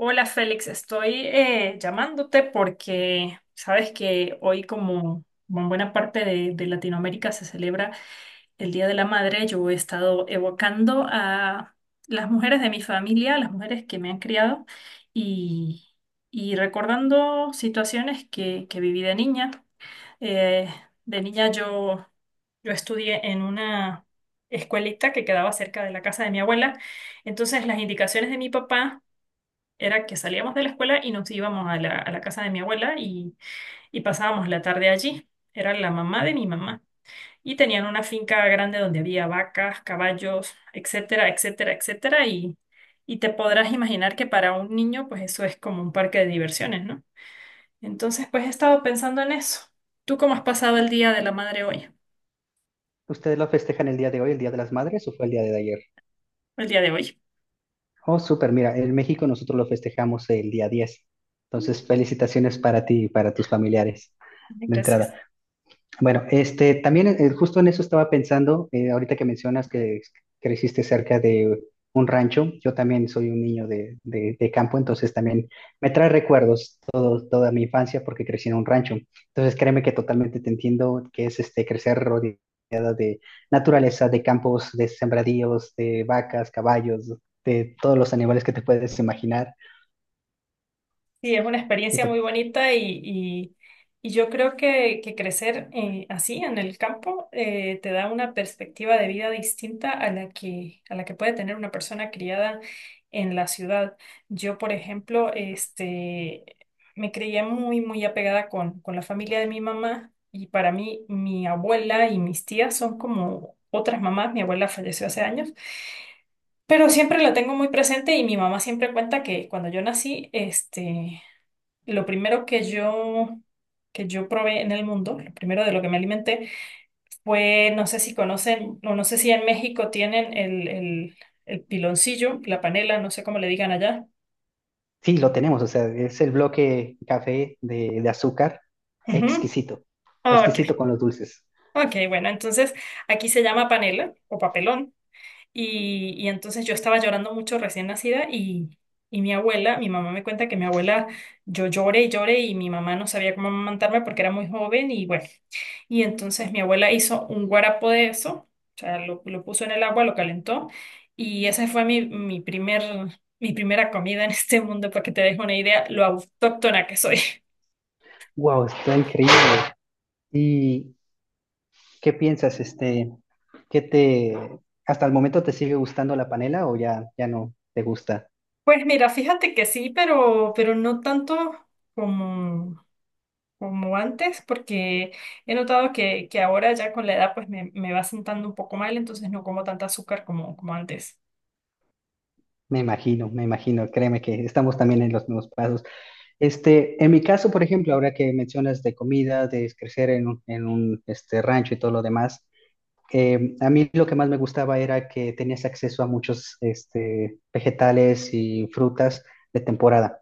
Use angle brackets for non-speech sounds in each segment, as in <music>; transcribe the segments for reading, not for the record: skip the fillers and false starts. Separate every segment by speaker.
Speaker 1: Hola Félix, estoy llamándote porque sabes que hoy como en buena parte de Latinoamérica se celebra el Día de la Madre, yo he estado evocando a las mujeres de mi familia, a las mujeres que me han criado y, y recordando situaciones que viví de niña. Eh, de niña yo estudié en una escuelita que quedaba cerca de la casa de mi abuela, entonces las indicaciones de mi papá era que salíamos de la escuela y nos íbamos a la casa de mi abuela y pasábamos la tarde allí. Era la mamá de mi mamá. Y tenían una finca grande donde había vacas, caballos, etcétera, etcétera, etcétera. Y te podrás imaginar que para un niño, pues eso es como un parque de diversiones, ¿no? Entonces, pues he estado pensando en eso. ¿Tú cómo has pasado el día de la madre hoy?
Speaker 2: ¿Ustedes lo festejan el día de hoy, el Día de las Madres, o fue el día de ayer?
Speaker 1: El día de hoy.
Speaker 2: Oh, súper, mira, en México nosotros lo festejamos el día 10. Entonces, felicitaciones para ti y para tus familiares
Speaker 1: Ay,
Speaker 2: de entrada.
Speaker 1: gracias.
Speaker 2: Bueno, este, también justo en eso estaba pensando, ahorita que mencionas que creciste cerca de un rancho, yo también soy un niño de campo, entonces también me trae recuerdos toda mi infancia porque crecí en un rancho. Entonces créeme que totalmente te entiendo que es este, crecer rodeada de naturaleza, de campos, de sembradíos, de vacas, caballos, de todos los animales que te puedes imaginar.
Speaker 1: Sí, es una
Speaker 2: Y
Speaker 1: experiencia muy bonita y yo creo que crecer así en el campo te da una perspectiva de vida distinta a la que puede tener una persona criada en la ciudad. Yo, por ejemplo, este, me creía muy, muy apegada con la familia de mi mamá y para mí mi abuela y mis tías son como otras mamás. Mi abuela falleció hace años. Pero siempre la tengo muy presente y mi mamá siempre cuenta que cuando yo nací, este, lo primero que yo probé en el mundo, lo primero de lo que me alimenté fue, no sé si conocen, o no sé si en México tienen el piloncillo, la panela, no sé cómo le digan allá.
Speaker 2: sí, lo tenemos, o sea, es el bloque café de azúcar,
Speaker 1: Ujú.
Speaker 2: exquisito,
Speaker 1: Ok,
Speaker 2: exquisito con los dulces.
Speaker 1: ok, bueno, entonces aquí se llama panela o papelón. Y entonces yo estaba llorando mucho recién nacida y mi abuela, mi mamá me cuenta que mi abuela, yo lloré y lloré y mi mamá no sabía cómo amamantarme porque era muy joven y bueno. Y entonces mi abuela hizo un guarapo de eso, o sea, lo puso en el agua, lo calentó, y esa fue mi primera comida en <laughs> este mundo, para que te dejes una idea lo autóctona que soy. <laughs>
Speaker 2: Wow, está increíble. ¿Y qué piensas, este, qué te, hasta el momento te sigue gustando la panela o ya no te gusta?
Speaker 1: Pues mira, fíjate que sí, pero no tanto como, como antes, porque he notado que ahora ya con la edad pues me va sentando un poco mal, entonces no como tanta azúcar como antes.
Speaker 2: Me imagino, créeme que estamos también en los mismos pasos. Este, en mi caso, por ejemplo, ahora que mencionas de comida, de crecer en un este, rancho y todo lo demás, a mí lo que más me gustaba era que tenías acceso a muchos este, vegetales y frutas de temporada.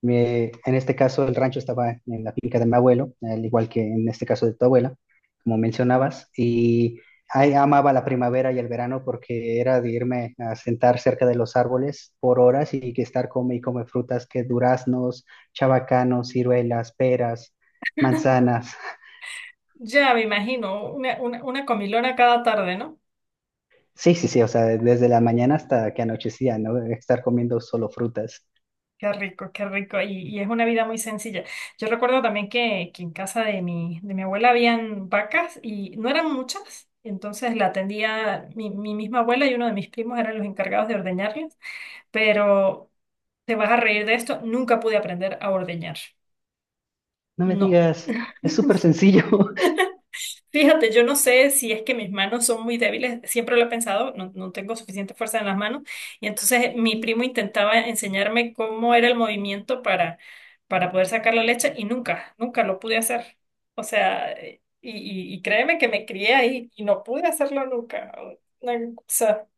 Speaker 2: En este caso, el rancho estaba en la finca de mi abuelo, al igual que en este caso de tu abuela, como mencionabas, y ahí amaba la primavera y el verano porque era de irme a sentar cerca de los árboles por horas y que estar come y come frutas que duraznos, chabacanos, ciruelas, peras, manzanas.
Speaker 1: Ya me imagino, una comilona cada tarde, ¿no?
Speaker 2: Sí, sí, sí, o sea, desde la mañana hasta que anochecía, ¿no? Estar comiendo solo frutas.
Speaker 1: Qué rico, qué rico. Y es una vida muy sencilla. Yo recuerdo también que en casa de mi abuela habían vacas y no eran muchas. Entonces la atendía mi misma abuela y uno de mis primos eran los encargados de ordeñarlas. Pero te vas a reír de esto, nunca pude aprender a ordeñar.
Speaker 2: No me
Speaker 1: No.
Speaker 2: digas, es súper sencillo, <laughs>
Speaker 1: Fíjate, yo no sé si es que mis manos son muy débiles, siempre lo he pensado, no, tengo suficiente fuerza en las manos, y entonces mi primo intentaba enseñarme cómo era el movimiento para poder sacar la leche y nunca, nunca lo pude hacer. O sea, y créeme que me crié ahí y no pude hacerlo nunca. Una cosa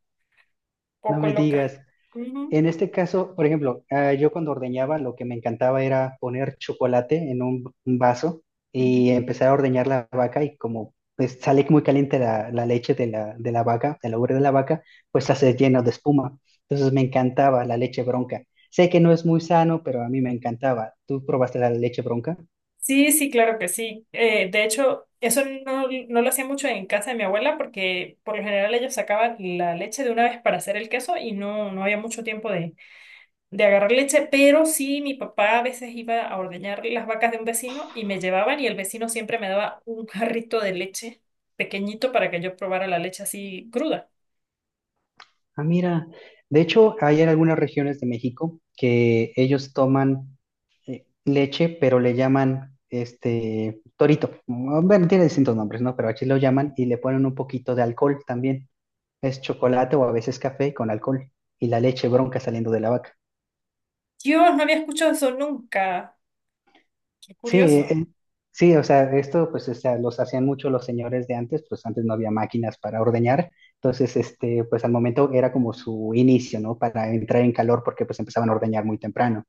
Speaker 2: no
Speaker 1: poco
Speaker 2: me
Speaker 1: loca.
Speaker 2: digas.
Speaker 1: Ujú.
Speaker 2: En este caso, por ejemplo, ah, yo cuando ordeñaba lo que me encantaba era poner chocolate en un vaso y empezar a ordeñar la vaca y como pues, sale muy caliente la leche de de la vaca, de la ubre de la vaca, pues se hace lleno de espuma. Entonces me encantaba la leche bronca. Sé que no es muy sano, pero a mí me encantaba. ¿Tú probaste la leche bronca?
Speaker 1: Sí, sí, claro que sí. De hecho, eso no, lo hacía mucho en casa de mi abuela porque por lo general ellos sacaban la leche de una vez para hacer el queso y no había mucho tiempo de agarrar leche, pero sí, mi papá a veces iba a ordeñar las vacas de un vecino y me llevaban y el vecino siempre me daba un jarrito de leche pequeñito para que yo probara la leche así cruda.
Speaker 2: Ah, mira, de hecho, hay en algunas regiones de México que ellos toman leche, pero le llaman este torito. Mm, bueno, tiene distintos nombres, ¿no? Pero aquí lo llaman y le ponen un poquito de alcohol también. Es chocolate o a veces café con alcohol y la leche bronca saliendo de la vaca.
Speaker 1: Dios, no había escuchado eso nunca. Qué
Speaker 2: Sí,
Speaker 1: curioso.
Speaker 2: sí, o sea, esto pues o sea, los hacían mucho los señores de antes, pues antes no había máquinas para ordeñar. Entonces, este, pues al momento era como su inicio, ¿no? Para entrar en calor porque pues empezaban a ordeñar muy temprano.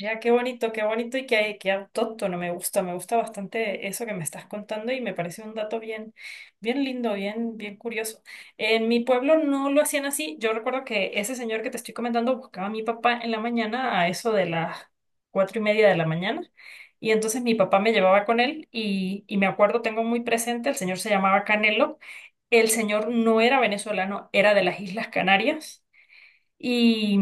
Speaker 1: ¡Ya qué bonito y qué autóctono! Me gusta, me gusta bastante eso que me estás contando y me parece un dato bien, bien lindo, bien, bien curioso. En mi pueblo no lo hacían así, yo recuerdo que ese señor que te estoy comentando buscaba a mi papá en la mañana a eso de las 4:30 de la mañana y entonces mi papá me llevaba con él y me acuerdo, tengo muy presente, el señor se llamaba Canelo, el señor no era venezolano, era de las Islas Canarias. Y,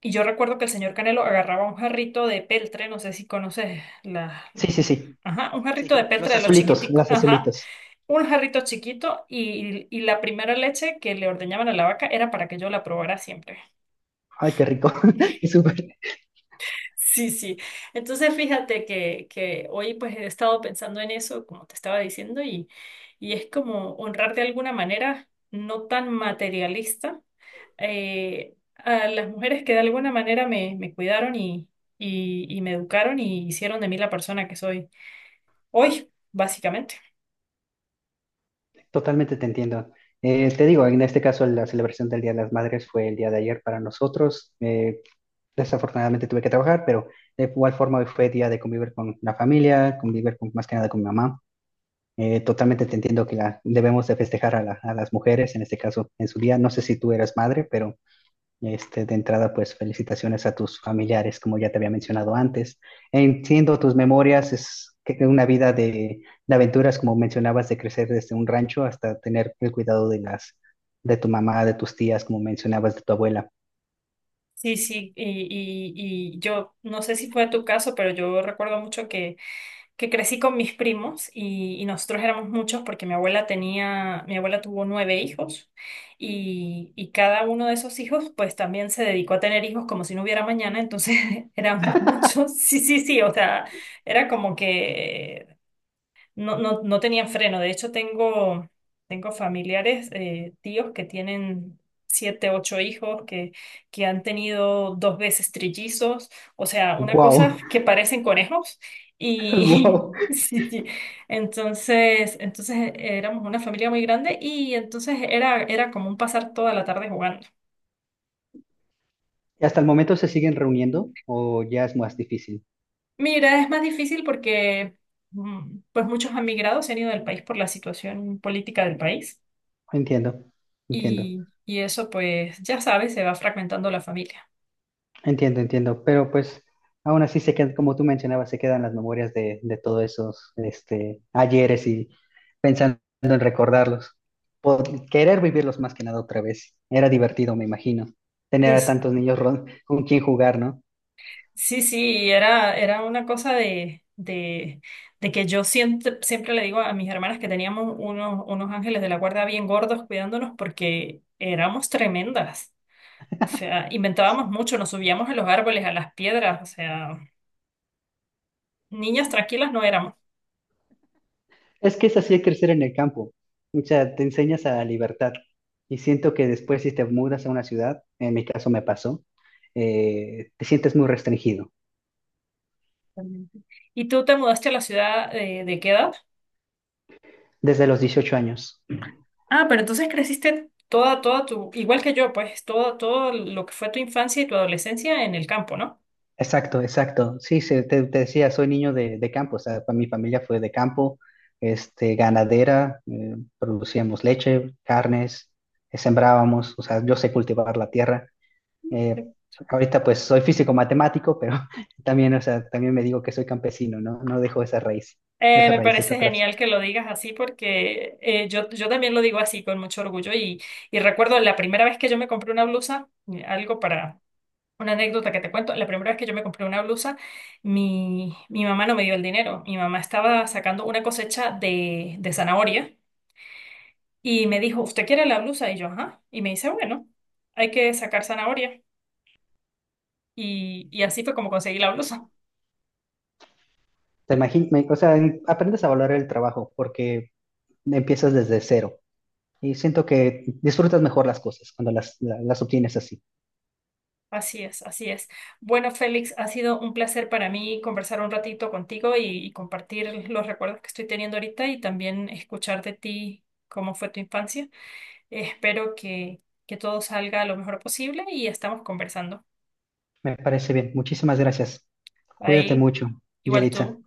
Speaker 1: y yo recuerdo que el señor Canelo agarraba un jarrito de peltre, no sé si conoces la,
Speaker 2: Sí, sí,
Speaker 1: la-
Speaker 2: sí.
Speaker 1: Ajá, un jarrito de
Speaker 2: Sí,
Speaker 1: peltre
Speaker 2: los
Speaker 1: de los
Speaker 2: azulitos. Azulitos,
Speaker 1: chiquiticos,
Speaker 2: las
Speaker 1: ajá,
Speaker 2: azulitos.
Speaker 1: un jarrito chiquito y la primera leche que le ordeñaban a la vaca era para que yo la probara siempre.
Speaker 2: Ay, qué rico. <laughs> Qué súper.
Speaker 1: <laughs> Sí, sí. Entonces fíjate que hoy pues he estado pensando en eso, como te estaba diciendo, y es como honrar de alguna manera, no tan materialista, a las mujeres que de alguna manera me cuidaron y me educaron y hicieron de mí la persona que soy hoy, básicamente.
Speaker 2: Totalmente te entiendo. Te digo, en este caso la celebración del Día de las Madres fue el día de ayer para nosotros. Desafortunadamente tuve que trabajar, pero de igual forma hoy fue día de convivir con la familia, convivir con, más que nada con mi mamá. Totalmente te entiendo que la, debemos de festejar a, la- a las mujeres, en este caso en su día. No sé si tú eras madre, pero este, de entrada, pues felicitaciones a tus familiares, como ya te había mencionado antes. Entiendo tus memorias, una vida de aventuras, como mencionabas, de crecer desde un rancho hasta tener el cuidado de tu mamá, de tus tías, como mencionabas, de tu abuela.
Speaker 1: Sí, sí, y yo no sé si fue tu caso, pero yo recuerdo mucho que crecí con mis primos y nosotros éramos muchos porque mi abuela tuvo nueve hijos y cada uno de esos hijos pues también se dedicó a tener hijos como si no hubiera mañana, entonces <laughs> éramos muchos, sí, sí, sí. O sea, era como que No, no, no tenían freno. De hecho, tengo, familiares, tíos que tienen siete, ocho hijos, que han tenido dos veces trillizos. O sea, una cosa
Speaker 2: Wow,
Speaker 1: que parecen conejos.
Speaker 2: <laughs>
Speaker 1: Y
Speaker 2: wow.
Speaker 1: <laughs> sí, sí. Entonces, éramos una familia muy grande y entonces era como un pasar toda la tarde jugando.
Speaker 2: ¿Y hasta el momento se siguen reuniendo o ya es más difícil?
Speaker 1: Mira, es más difícil porque pues muchos han migrado, se han ido del país por la situación política del país.
Speaker 2: Entiendo, entiendo.
Speaker 1: Y eso, pues, ya sabes, se va fragmentando la familia.
Speaker 2: Entiendo, entiendo, pero pues aún así se quedan, como tú mencionabas, se quedan las memorias de todos esos este, ayeres y pensando en recordarlos. Querer vivirlos más que nada otra vez. Era divertido, me imagino, tener
Speaker 1: Sí,
Speaker 2: a
Speaker 1: sí.
Speaker 2: tantos niños con quien jugar, ¿no?
Speaker 1: Sí, sí, era una cosa de que yo siempre, siempre le digo a mis hermanas que teníamos unos ángeles de la guarda bien gordos cuidándonos porque éramos tremendas. O sea, inventábamos mucho, nos subíamos a los árboles, a las piedras, o sea, niñas tranquilas no éramos
Speaker 2: Es que es así crecer en el campo. O sea, te enseñas a la libertad. Y siento que después si te mudas a una ciudad, en mi caso me pasó, te sientes muy restringido
Speaker 1: realmente. ¿Y tú te mudaste a la ciudad de qué edad?
Speaker 2: desde los 18 años.
Speaker 1: Ah, pero entonces creciste igual que yo, pues todo lo que fue tu infancia y tu adolescencia en el campo, ¿no?
Speaker 2: Exacto, exacto. Sí, te decía, soy niño de campo, o sea, mi familia fue de campo, este, ganadera, producíamos leche, carnes, sembrábamos, o sea, yo sé cultivar la tierra. Eh, ahorita pues soy físico matemático, pero <laughs> también, o sea, también me digo que soy campesino, ¿no? No dejo esa raíz,
Speaker 1: Eh,
Speaker 2: esas
Speaker 1: me
Speaker 2: raíces
Speaker 1: parece
Speaker 2: atrás.
Speaker 1: genial que lo digas así porque yo también lo digo así con mucho orgullo y recuerdo la primera vez que yo me compré una blusa, algo para una anécdota que te cuento, la primera vez que yo me compré una blusa, mi mamá no me dio el dinero, mi mamá estaba sacando una cosecha de zanahoria y me dijo, ¿usted quiere la blusa? Y yo, ajá, y me dice, bueno, hay que sacar zanahoria. Y así fue como conseguí la blusa.
Speaker 2: O sea, aprendes a valorar el trabajo porque empiezas desde cero y siento que disfrutas mejor las cosas cuando las obtienes así.
Speaker 1: Así es, así es. Bueno, Félix, ha sido un placer para mí conversar un ratito contigo y compartir los recuerdos que estoy teniendo ahorita y también escuchar de ti cómo fue tu infancia. Espero que todo salga lo mejor posible y estamos conversando.
Speaker 2: Me parece bien. Muchísimas gracias. Cuídate
Speaker 1: Ahí,
Speaker 2: mucho,
Speaker 1: igual
Speaker 2: Yelitza.
Speaker 1: tú.